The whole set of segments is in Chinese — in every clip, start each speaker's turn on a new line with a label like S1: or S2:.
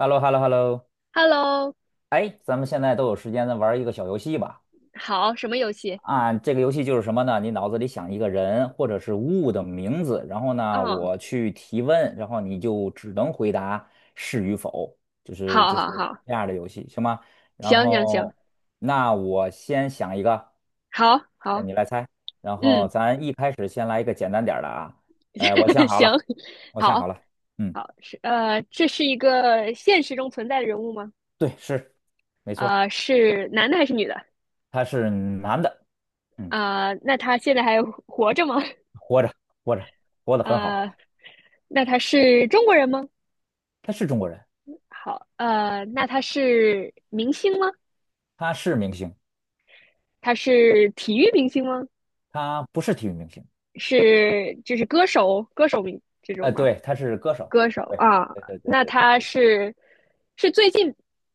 S1: h e l l o h e l l o h e l l o
S2: Hello，
S1: 哎，咱们现在都有时间，咱玩一个小游戏吧。
S2: 好，什么游戏？
S1: 啊，这个游戏就是什么呢？你脑子里想一个人或者是物的名字，然后呢，
S2: 嗯，
S1: 我去提问，然后你就只能回答是与否，就是
S2: 好
S1: 就是
S2: 好好，
S1: 这样的游戏，行吗？然
S2: 行行行，
S1: 后，那我先想一个，
S2: 好
S1: 那
S2: 好，
S1: 你来猜。然后
S2: 嗯，
S1: 咱一开始先来一个简单点儿的啊。我 想好
S2: 行，
S1: 了，我想
S2: 好
S1: 好了。嗯，
S2: 好，这是一个现实中存在的人物吗？
S1: 对，是，没错儿
S2: 是男的还是女的？
S1: 他是男的。嗯。
S2: 啊，那他现在还活着吗？
S1: 活着，活着，活得很好。
S2: 啊，那他是中国人吗？
S1: 他是中国人，
S2: 好，那他是明星吗？
S1: 他是明星，
S2: 他是体育明星吗？
S1: 他不是体育明星。
S2: 是就是歌手名这种吗？
S1: 对，他是歌手。
S2: 歌手
S1: 对，
S2: 啊，
S1: 对对对
S2: 那
S1: 对对
S2: 他
S1: 对。
S2: 是最近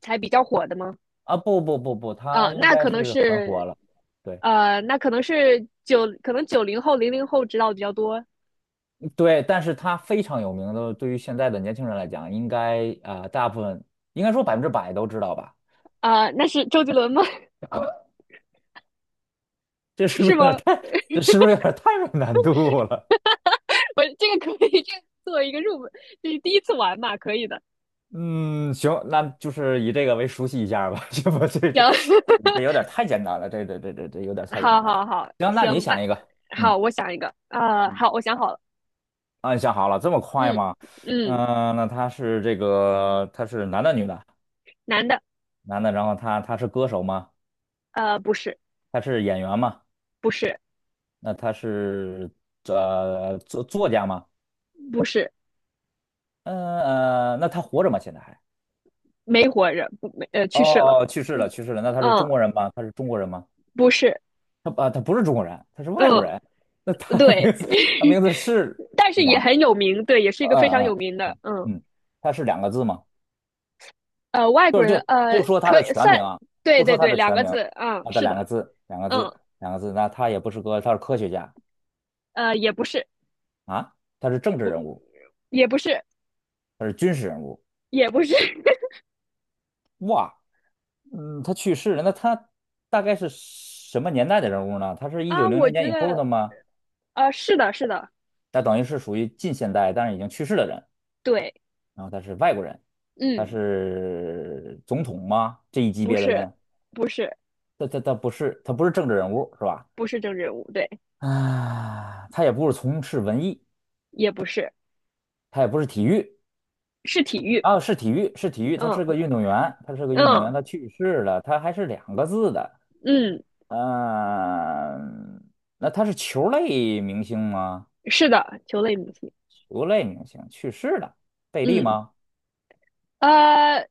S2: 才比较火的吗？
S1: 啊，不不不不，他
S2: 啊，
S1: 应
S2: 那
S1: 该
S2: 可能
S1: 是很
S2: 是，
S1: 火了。对
S2: 那可能是可能90后、00后知道的比较多。
S1: 对，但是他非常有名的，对于现在的年轻人来讲，应该啊、大部分应该说100%都知道吧？
S2: 啊、那是周杰伦吗？
S1: 这是不
S2: 是
S1: 是有点
S2: 吗？
S1: 太，这是不是有点太有难度了？
S2: 我这个可以，这个作为一个入门，就是第一次玩嘛，可以的。
S1: 嗯，行，那就是以这个为熟悉一下儿吧。这不，这这
S2: 行，
S1: 这有点太简单了，这有点 太简
S2: 好
S1: 单了。
S2: 好好，
S1: 行，那
S2: 行，
S1: 你
S2: 那
S1: 想一个，
S2: 好，
S1: 嗯
S2: 我想一个。啊，
S1: 嗯。
S2: 好，我想好了。
S1: 啊，你想好了，这么快
S2: 嗯
S1: 吗？
S2: 嗯，
S1: 嗯、那他是这个，他是男的女的？
S2: 男的。
S1: 男的，然后他是歌手吗？
S2: 不是。
S1: 他是演员吗？
S2: 不是。
S1: 那他是作家吗？
S2: 不是。
S1: 嗯，那他活着吗？现在还？
S2: 没活着，不没，呃，
S1: 哦
S2: 去世了。
S1: 哦，哦去世了，去世了。那他是中
S2: 嗯。
S1: 国人吗？他是中国人吗？
S2: 不是。
S1: 他啊，他不是中国人，他是外国
S2: 嗯，
S1: 人。那他的
S2: 对，
S1: 名字，他名 字是
S2: 但是也
S1: 两，
S2: 很有名，对，也是一个非常
S1: 嗯嗯
S2: 有名的，嗯。
S1: 嗯，他是两个字吗？
S2: 外国人，
S1: 不说他
S2: 可
S1: 的
S2: 以
S1: 全名
S2: 算。
S1: 啊，
S2: 对
S1: 不
S2: 对
S1: 说他
S2: 对，
S1: 的
S2: 两
S1: 全
S2: 个
S1: 名啊，
S2: 字，嗯，
S1: 他
S2: 是
S1: 两
S2: 的。
S1: 个字，两个
S2: 嗯。
S1: 字，两个字。那他也不是个，他是科学家。
S2: 也不是。
S1: 啊，他是政治人物，
S2: 也不是。
S1: 他是军事人物。
S2: 也不是
S1: 哇，嗯，他去世了，那他大概是什么年代的人物呢？他是一九
S2: 啊，
S1: 零
S2: 我
S1: 零年
S2: 觉
S1: 以后的
S2: 得，
S1: 吗？
S2: 是的，是的。
S1: 那等于是属于近现代，但是已经去世的人。
S2: 对。
S1: 然后他是外国人，他
S2: 嗯。
S1: 是总统吗？这一级
S2: 不
S1: 别的
S2: 是。
S1: 人，
S2: 不是。
S1: 他不是政治人物是吧？
S2: 不是政治人物，对。
S1: 啊，他也不是从事文艺，
S2: 也不是。
S1: 他也不是体育
S2: 是体育。
S1: 啊，是体育，是体育，他是
S2: 嗯
S1: 个运动员，他是个运动员，
S2: 嗯
S1: 他去世了，他还是两个字的。
S2: 嗯，
S1: 嗯、那他是球类明星吗？
S2: 是的，球类明星。
S1: 球类明星去世了，贝利
S2: 嗯。
S1: 吗？
S2: 呃。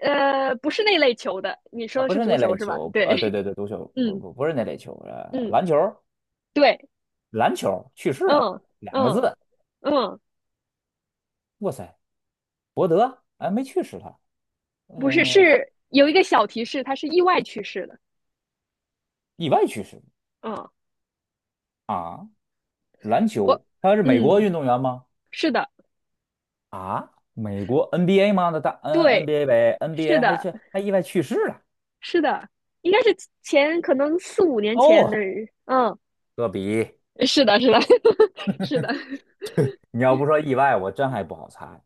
S2: 不是那类球的，你说
S1: 啊，
S2: 的
S1: 不
S2: 是
S1: 是
S2: 足
S1: 那
S2: 球
S1: 类
S2: 是吧？
S1: 球。不啊，对
S2: 对。
S1: 对对，足球不
S2: 嗯
S1: 不不是那类球，
S2: 嗯，
S1: 篮球。
S2: 对。
S1: 篮球去世了，
S2: 嗯
S1: 两个
S2: 嗯
S1: 字。
S2: 嗯，
S1: 哇塞，伯德哎没去世他。
S2: 不是，
S1: 嗯、
S2: 是有一个小提示，它是意外去世的。
S1: 意外去世
S2: 嗯。
S1: 啊。篮
S2: 我，
S1: 球他是美国运
S2: 嗯，
S1: 动员吗？
S2: 是的。
S1: 啊，美国 NBA 吗？那大嗯 N
S2: 对。
S1: NBA 呗
S2: 是
S1: ，NBA 还
S2: 的。
S1: 去还意外去世了。
S2: 是的。应该是可能四五年前
S1: 哦，
S2: 的人。嗯，
S1: 科比，
S2: 是的，是的，是的。
S1: 你要不说意外，我真还不好猜。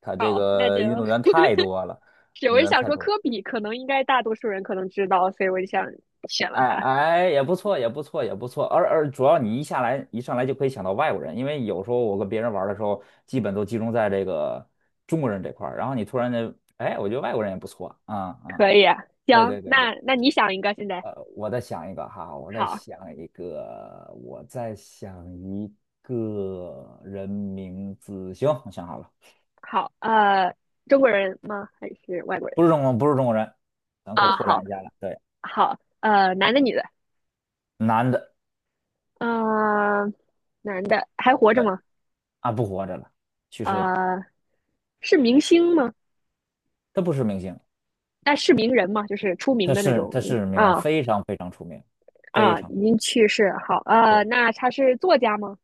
S1: 他这
S2: 好，那
S1: 个
S2: 就
S1: 运动员太多了，
S2: 是
S1: 运
S2: 我
S1: 动
S2: 是
S1: 员
S2: 想
S1: 太
S2: 说
S1: 多
S2: 科比，可能应该大多数人可能知道，所以我就想选了
S1: 哎
S2: 他。
S1: 哎，也不错，也不错，也不错。而主要你一上来就可以想到外国人，因为有时候我跟别人玩的时候，基本都集中在这个中国人这块儿。然后你突然间，哎，我觉得外国人也不错啊。
S2: 可
S1: 啊、
S2: 以啊，
S1: 对
S2: 行，
S1: 对对对，
S2: 那你想一个现在？
S1: 我再想一个哈，我再
S2: 好，
S1: 想一个，我再想一个人名字。行，我想好了。
S2: 好，中国人吗？还是外国人？
S1: 不是中国人，咱可以
S2: 啊，
S1: 拓
S2: 好，
S1: 展一下了。对，
S2: 好，男的，女的。
S1: 男的，
S2: 呃，男的还活着
S1: 对。
S2: 吗？
S1: 啊，不活着了，去世了，
S2: 呃，是明星吗？
S1: 他不是明星。
S2: 哎、是名人吗？就是出名
S1: 他
S2: 的那
S1: 是
S2: 种。
S1: 他是名人，
S2: 啊
S1: 非常非常出名，非
S2: 啊，
S1: 常
S2: 已经去世。好，
S1: 对。
S2: 那他是作家吗？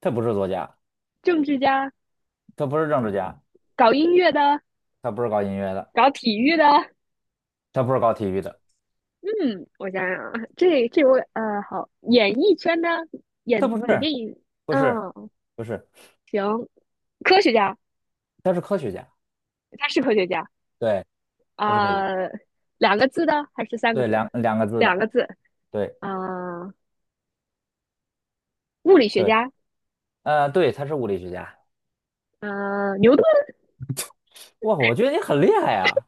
S1: 他不是作家，
S2: 政治家？
S1: 他不是政治家，
S2: 搞音乐的？
S1: 他不是搞音乐的，
S2: 搞体育的？
S1: 他不是搞体育的，
S2: 嗯，我想想啊，这位,好，演艺圈的，
S1: 他
S2: 演
S1: 不
S2: 演
S1: 是，
S2: 电影。
S1: 不是，
S2: 嗯。
S1: 不是，
S2: 行。科学家。
S1: 他是科学家，
S2: 他是科学家
S1: 对，他是科学家。
S2: 啊。两个字的还是三个
S1: 对，
S2: 字？
S1: 两个字
S2: 两
S1: 的，
S2: 个字
S1: 对
S2: 啊。物理学
S1: 对，
S2: 家。
S1: 对，他是物理学家。
S2: 啊，牛顿。
S1: 哇，我觉得你很厉害啊！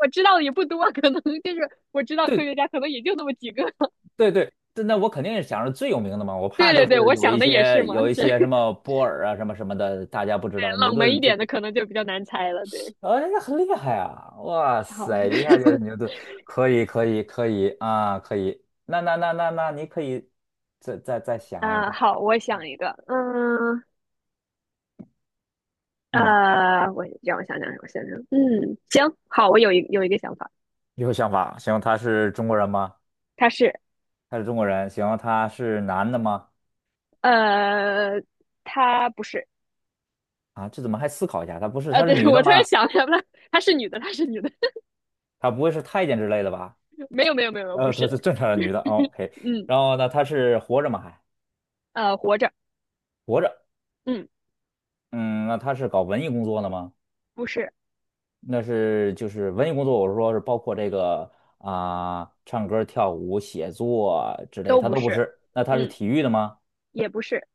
S2: 我知道的也不多，可能就是我知道科
S1: 对
S2: 学家可能也就那么几个。
S1: 对对，对那我肯定是想着最有名的嘛，我怕
S2: 对
S1: 就
S2: 对对，
S1: 是
S2: 我
S1: 有
S2: 想
S1: 一
S2: 的也是
S1: 些
S2: 嘛，
S1: 有一些什
S2: 是
S1: 么波尔啊什么什么的，大家不知道牛
S2: 冷门
S1: 顿
S2: 一
S1: 这。
S2: 点的可能就比较难猜了。对。
S1: 哦，那很厉害啊！哇
S2: 好，
S1: 塞，一下就牛顿，可以，可以，可以啊，可以。那那那那那，你可以再想一
S2: 啊、
S1: 个。
S2: 好，我想一个。嗯，
S1: 嗯，
S2: 我让我想想，让我想想，嗯，行，好，我有一个想法。
S1: 有想法。行，他是中国人吗？
S2: 她是
S1: 他是中国人。行，他是男的吗？
S2: 呃，她不是。
S1: 啊，这怎么还思考一下？他不是，他是
S2: 对，
S1: 女的
S2: 我突然
S1: 吗？
S2: 想起来了，她是女的，她是女的。
S1: 他不会是太监之类的吧？
S2: 没有没有没有，不
S1: 她
S2: 是。
S1: 是正常的女的，OK。o k
S2: 嗯。
S1: 然后呢，她是活着吗？还
S2: 活着。
S1: 活着。
S2: 嗯。
S1: 嗯，那她是搞文艺工作的吗？
S2: 不是。
S1: 就是文艺工作，我是说是包括这个啊、唱歌、跳舞、写作之类，
S2: 都
S1: 他
S2: 不
S1: 都不
S2: 是。
S1: 是。那他是
S2: 嗯。
S1: 体育的吗？
S2: 也不是。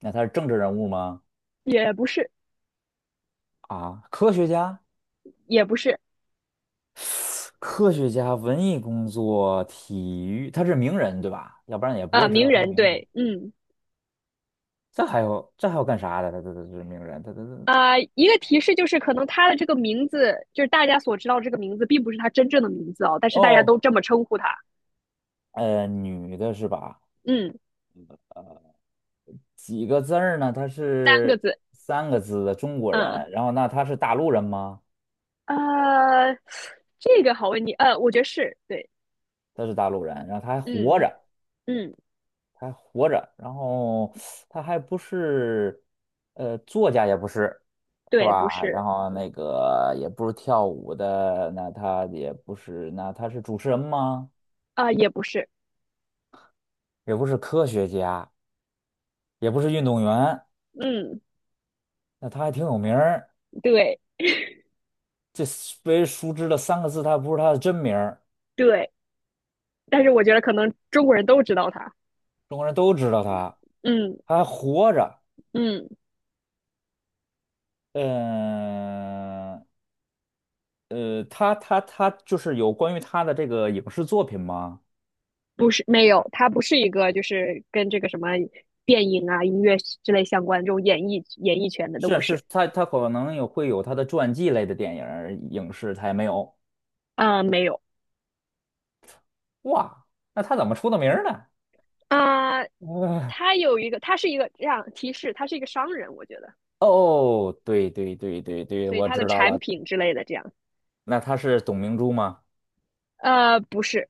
S1: 那他是政治人物吗？
S2: 也不是。
S1: 啊，科学家、
S2: 也不是。
S1: 科学家、文艺工作、体育，他是名人对吧？要不然也不
S2: 啊、
S1: 会知
S2: 名
S1: 道他
S2: 人
S1: 名字。
S2: 对，嗯。
S1: 这还有干啥的？他是名人，他他他
S2: 啊、一个提示就是可能他的这个名字，就是大家所知道这个名字，并不是他真正的名字哦，但是大家
S1: 哦，
S2: 都这么称呼他。
S1: 女的是吧？
S2: 嗯。
S1: 几个字儿呢？她
S2: 三个
S1: 是
S2: 字。
S1: 三个字的中国
S2: 嗯。
S1: 人，然后那她是大陆人吗？
S2: 呃，这个好问题，我觉得是对。
S1: 她是大陆人，然后她还活
S2: 嗯
S1: 着。
S2: 嗯。
S1: 还活着，然后他还不是，作家也不是，是
S2: 对。不
S1: 吧？然
S2: 是。
S1: 后那个也不是跳舞的，那他也不是，那他是主持人吗？
S2: 啊、也不是。
S1: 也不是科学家，也不是运动员，
S2: 嗯。
S1: 那他还挺有名儿。
S2: 对
S1: 这被熟知的三个字，他不是他的真名儿，
S2: 对，但是我觉得可能中国人都知道他。
S1: 中国人都知道他，
S2: 嗯
S1: 他还活着。
S2: 嗯。
S1: 嗯，他就是有关于他的这个影视作品吗？
S2: 不是，没有，它不是一个就是跟这个什么电影啊、音乐之类相关这种演艺圈的都
S1: 是
S2: 不
S1: 啊
S2: 是。
S1: 是，他可能会有他的传记类的电影儿影视，他也没有。
S2: 啊，没有。
S1: 哇，那他怎么出的名儿呢？
S2: 啊，
S1: 呃
S2: 它有一个，它是一个这样提示，他是一个商人，我觉得，
S1: 哦，对对对对对，
S2: 所以
S1: 我
S2: 他的
S1: 知道
S2: 产
S1: 了。
S2: 品之类的这样。
S1: 那他是董明珠吗？
S2: 不是。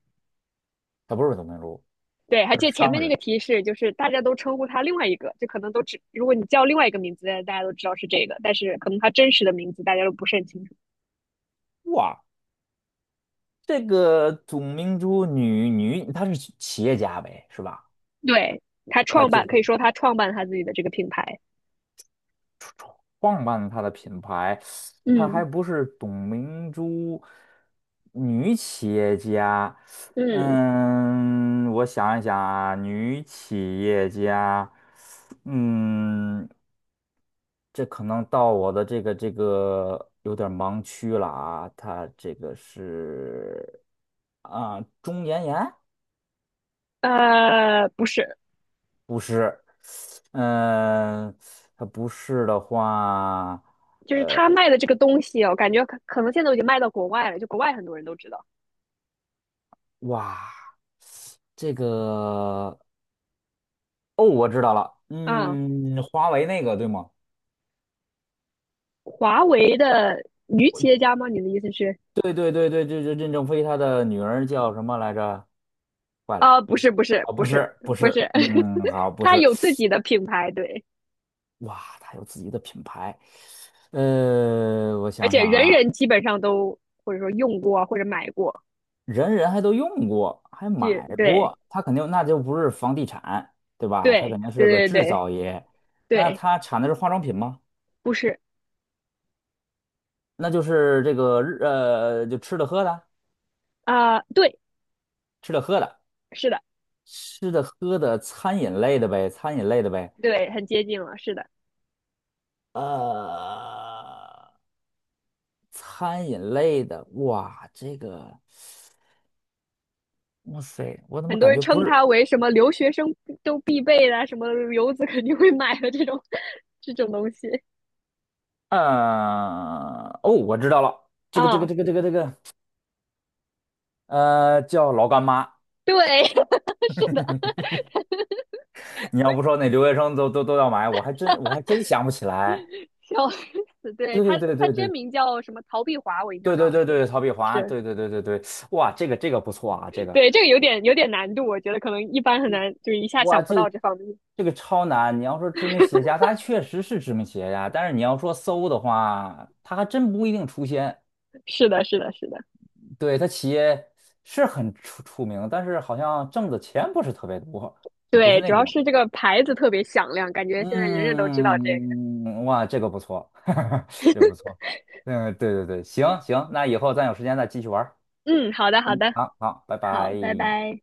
S1: 他不是董明珠，
S2: 对，还
S1: 他
S2: 记
S1: 是
S2: 得前面
S1: 商
S2: 那
S1: 人。
S2: 个提示，就是大家都称呼他另外一个，就可能都只，如果你叫另外一个名字，大家都知道是这个，但是可能他真实的名字大家都不是很清楚。
S1: 哇，这个董明珠女，她是企业家呗，是吧？
S2: 对，他
S1: 她
S2: 创
S1: 就
S2: 办，可以
S1: 是。
S2: 说他创办他自己的这个品牌。
S1: 创办它的品牌，它还
S2: 嗯
S1: 不是董明珠女企业家。
S2: 嗯。
S1: 嗯，我想一想啊，女企业家，嗯，这可能到我的这个有点儿盲区了啊。她这个是啊，钟妍妍
S2: 不是。
S1: 不是。嗯，她不是的话，
S2: 就是他卖的这个东西哦，我感觉可能现在都已经卖到国外了，就国外很多人都知道。
S1: 哇。这个哦，我知道了。
S2: 嗯，
S1: 嗯，华为那个对吗？
S2: 华为的女企业家吗？你的意思是？
S1: 对对对对，对这任正非他的女儿叫什么来着？坏了，
S2: 啊、不是，不是，
S1: 哦，
S2: 不
S1: 不
S2: 是。
S1: 是不
S2: 不
S1: 是。
S2: 是，
S1: 嗯，好，不
S2: 他
S1: 是，
S2: 有自己的品牌，对。
S1: 哇，他有自己的品牌，我
S2: 而
S1: 想
S2: 且
S1: 想
S2: 人
S1: 啊，
S2: 人基本上都或者说用过或者买过。
S1: 人人还都用过，还
S2: 就
S1: 买
S2: 对，
S1: 过，他肯定那就不是房地产，对吧？他
S2: 对，
S1: 肯定是个
S2: 对，对，
S1: 制
S2: 对，
S1: 造业，那
S2: 对。
S1: 他产的是化妆品吗？
S2: 不是。
S1: 那就是这个就吃的喝的，
S2: 啊、对。
S1: 吃的喝的。
S2: 是的。
S1: 吃的、喝的、餐饮类的呗，餐饮类的呗，
S2: 对，很接近了，是的。
S1: 呃，餐饮类的，哇，这个，哇塞，我怎么
S2: 很多
S1: 感
S2: 人
S1: 觉不
S2: 称
S1: 是？
S2: 它为什么留学生都必备的，什么游子肯定会买的这种。这种东西
S1: 哦，我知道了，这个，这个，
S2: 啊，
S1: 这个，这个，这个，叫老干妈。
S2: 对，是的。
S1: 你要不说那留学生都要买，我还真想不起来。
S2: 笑死，对
S1: 对
S2: 他，
S1: 对对
S2: 他
S1: 对
S2: 真
S1: 对
S2: 名叫什么？曹碧华，我印象
S1: 对
S2: 中
S1: 对
S2: 好
S1: 对
S2: 像
S1: 对，曹碧华，
S2: 是。
S1: 对对对对对，哇，这个不错啊，
S2: 是对这个有点难度，我觉得可能一般很难，就是一下
S1: 哇，
S2: 想不
S1: 这
S2: 到
S1: 个
S2: 这方面。
S1: 这个超难！你要说知名企业家，他确实是知名企业家，但是你要说搜的话，他还真不一定出现。
S2: 是的，是的，是的。
S1: 对，他企业是很出名，但是好像挣的钱不是特别多，就不是
S2: 对，主
S1: 那
S2: 要
S1: 种。
S2: 是这个牌子特别响亮，感觉现在人人都知道这个。
S1: 嗯，哇，这个不错，这个不错。嗯，对对对，行行，那以后咱有时间再继续玩儿。
S2: 嗯，好的，好的。
S1: 好好，拜
S2: 好，
S1: 拜。
S2: 拜拜。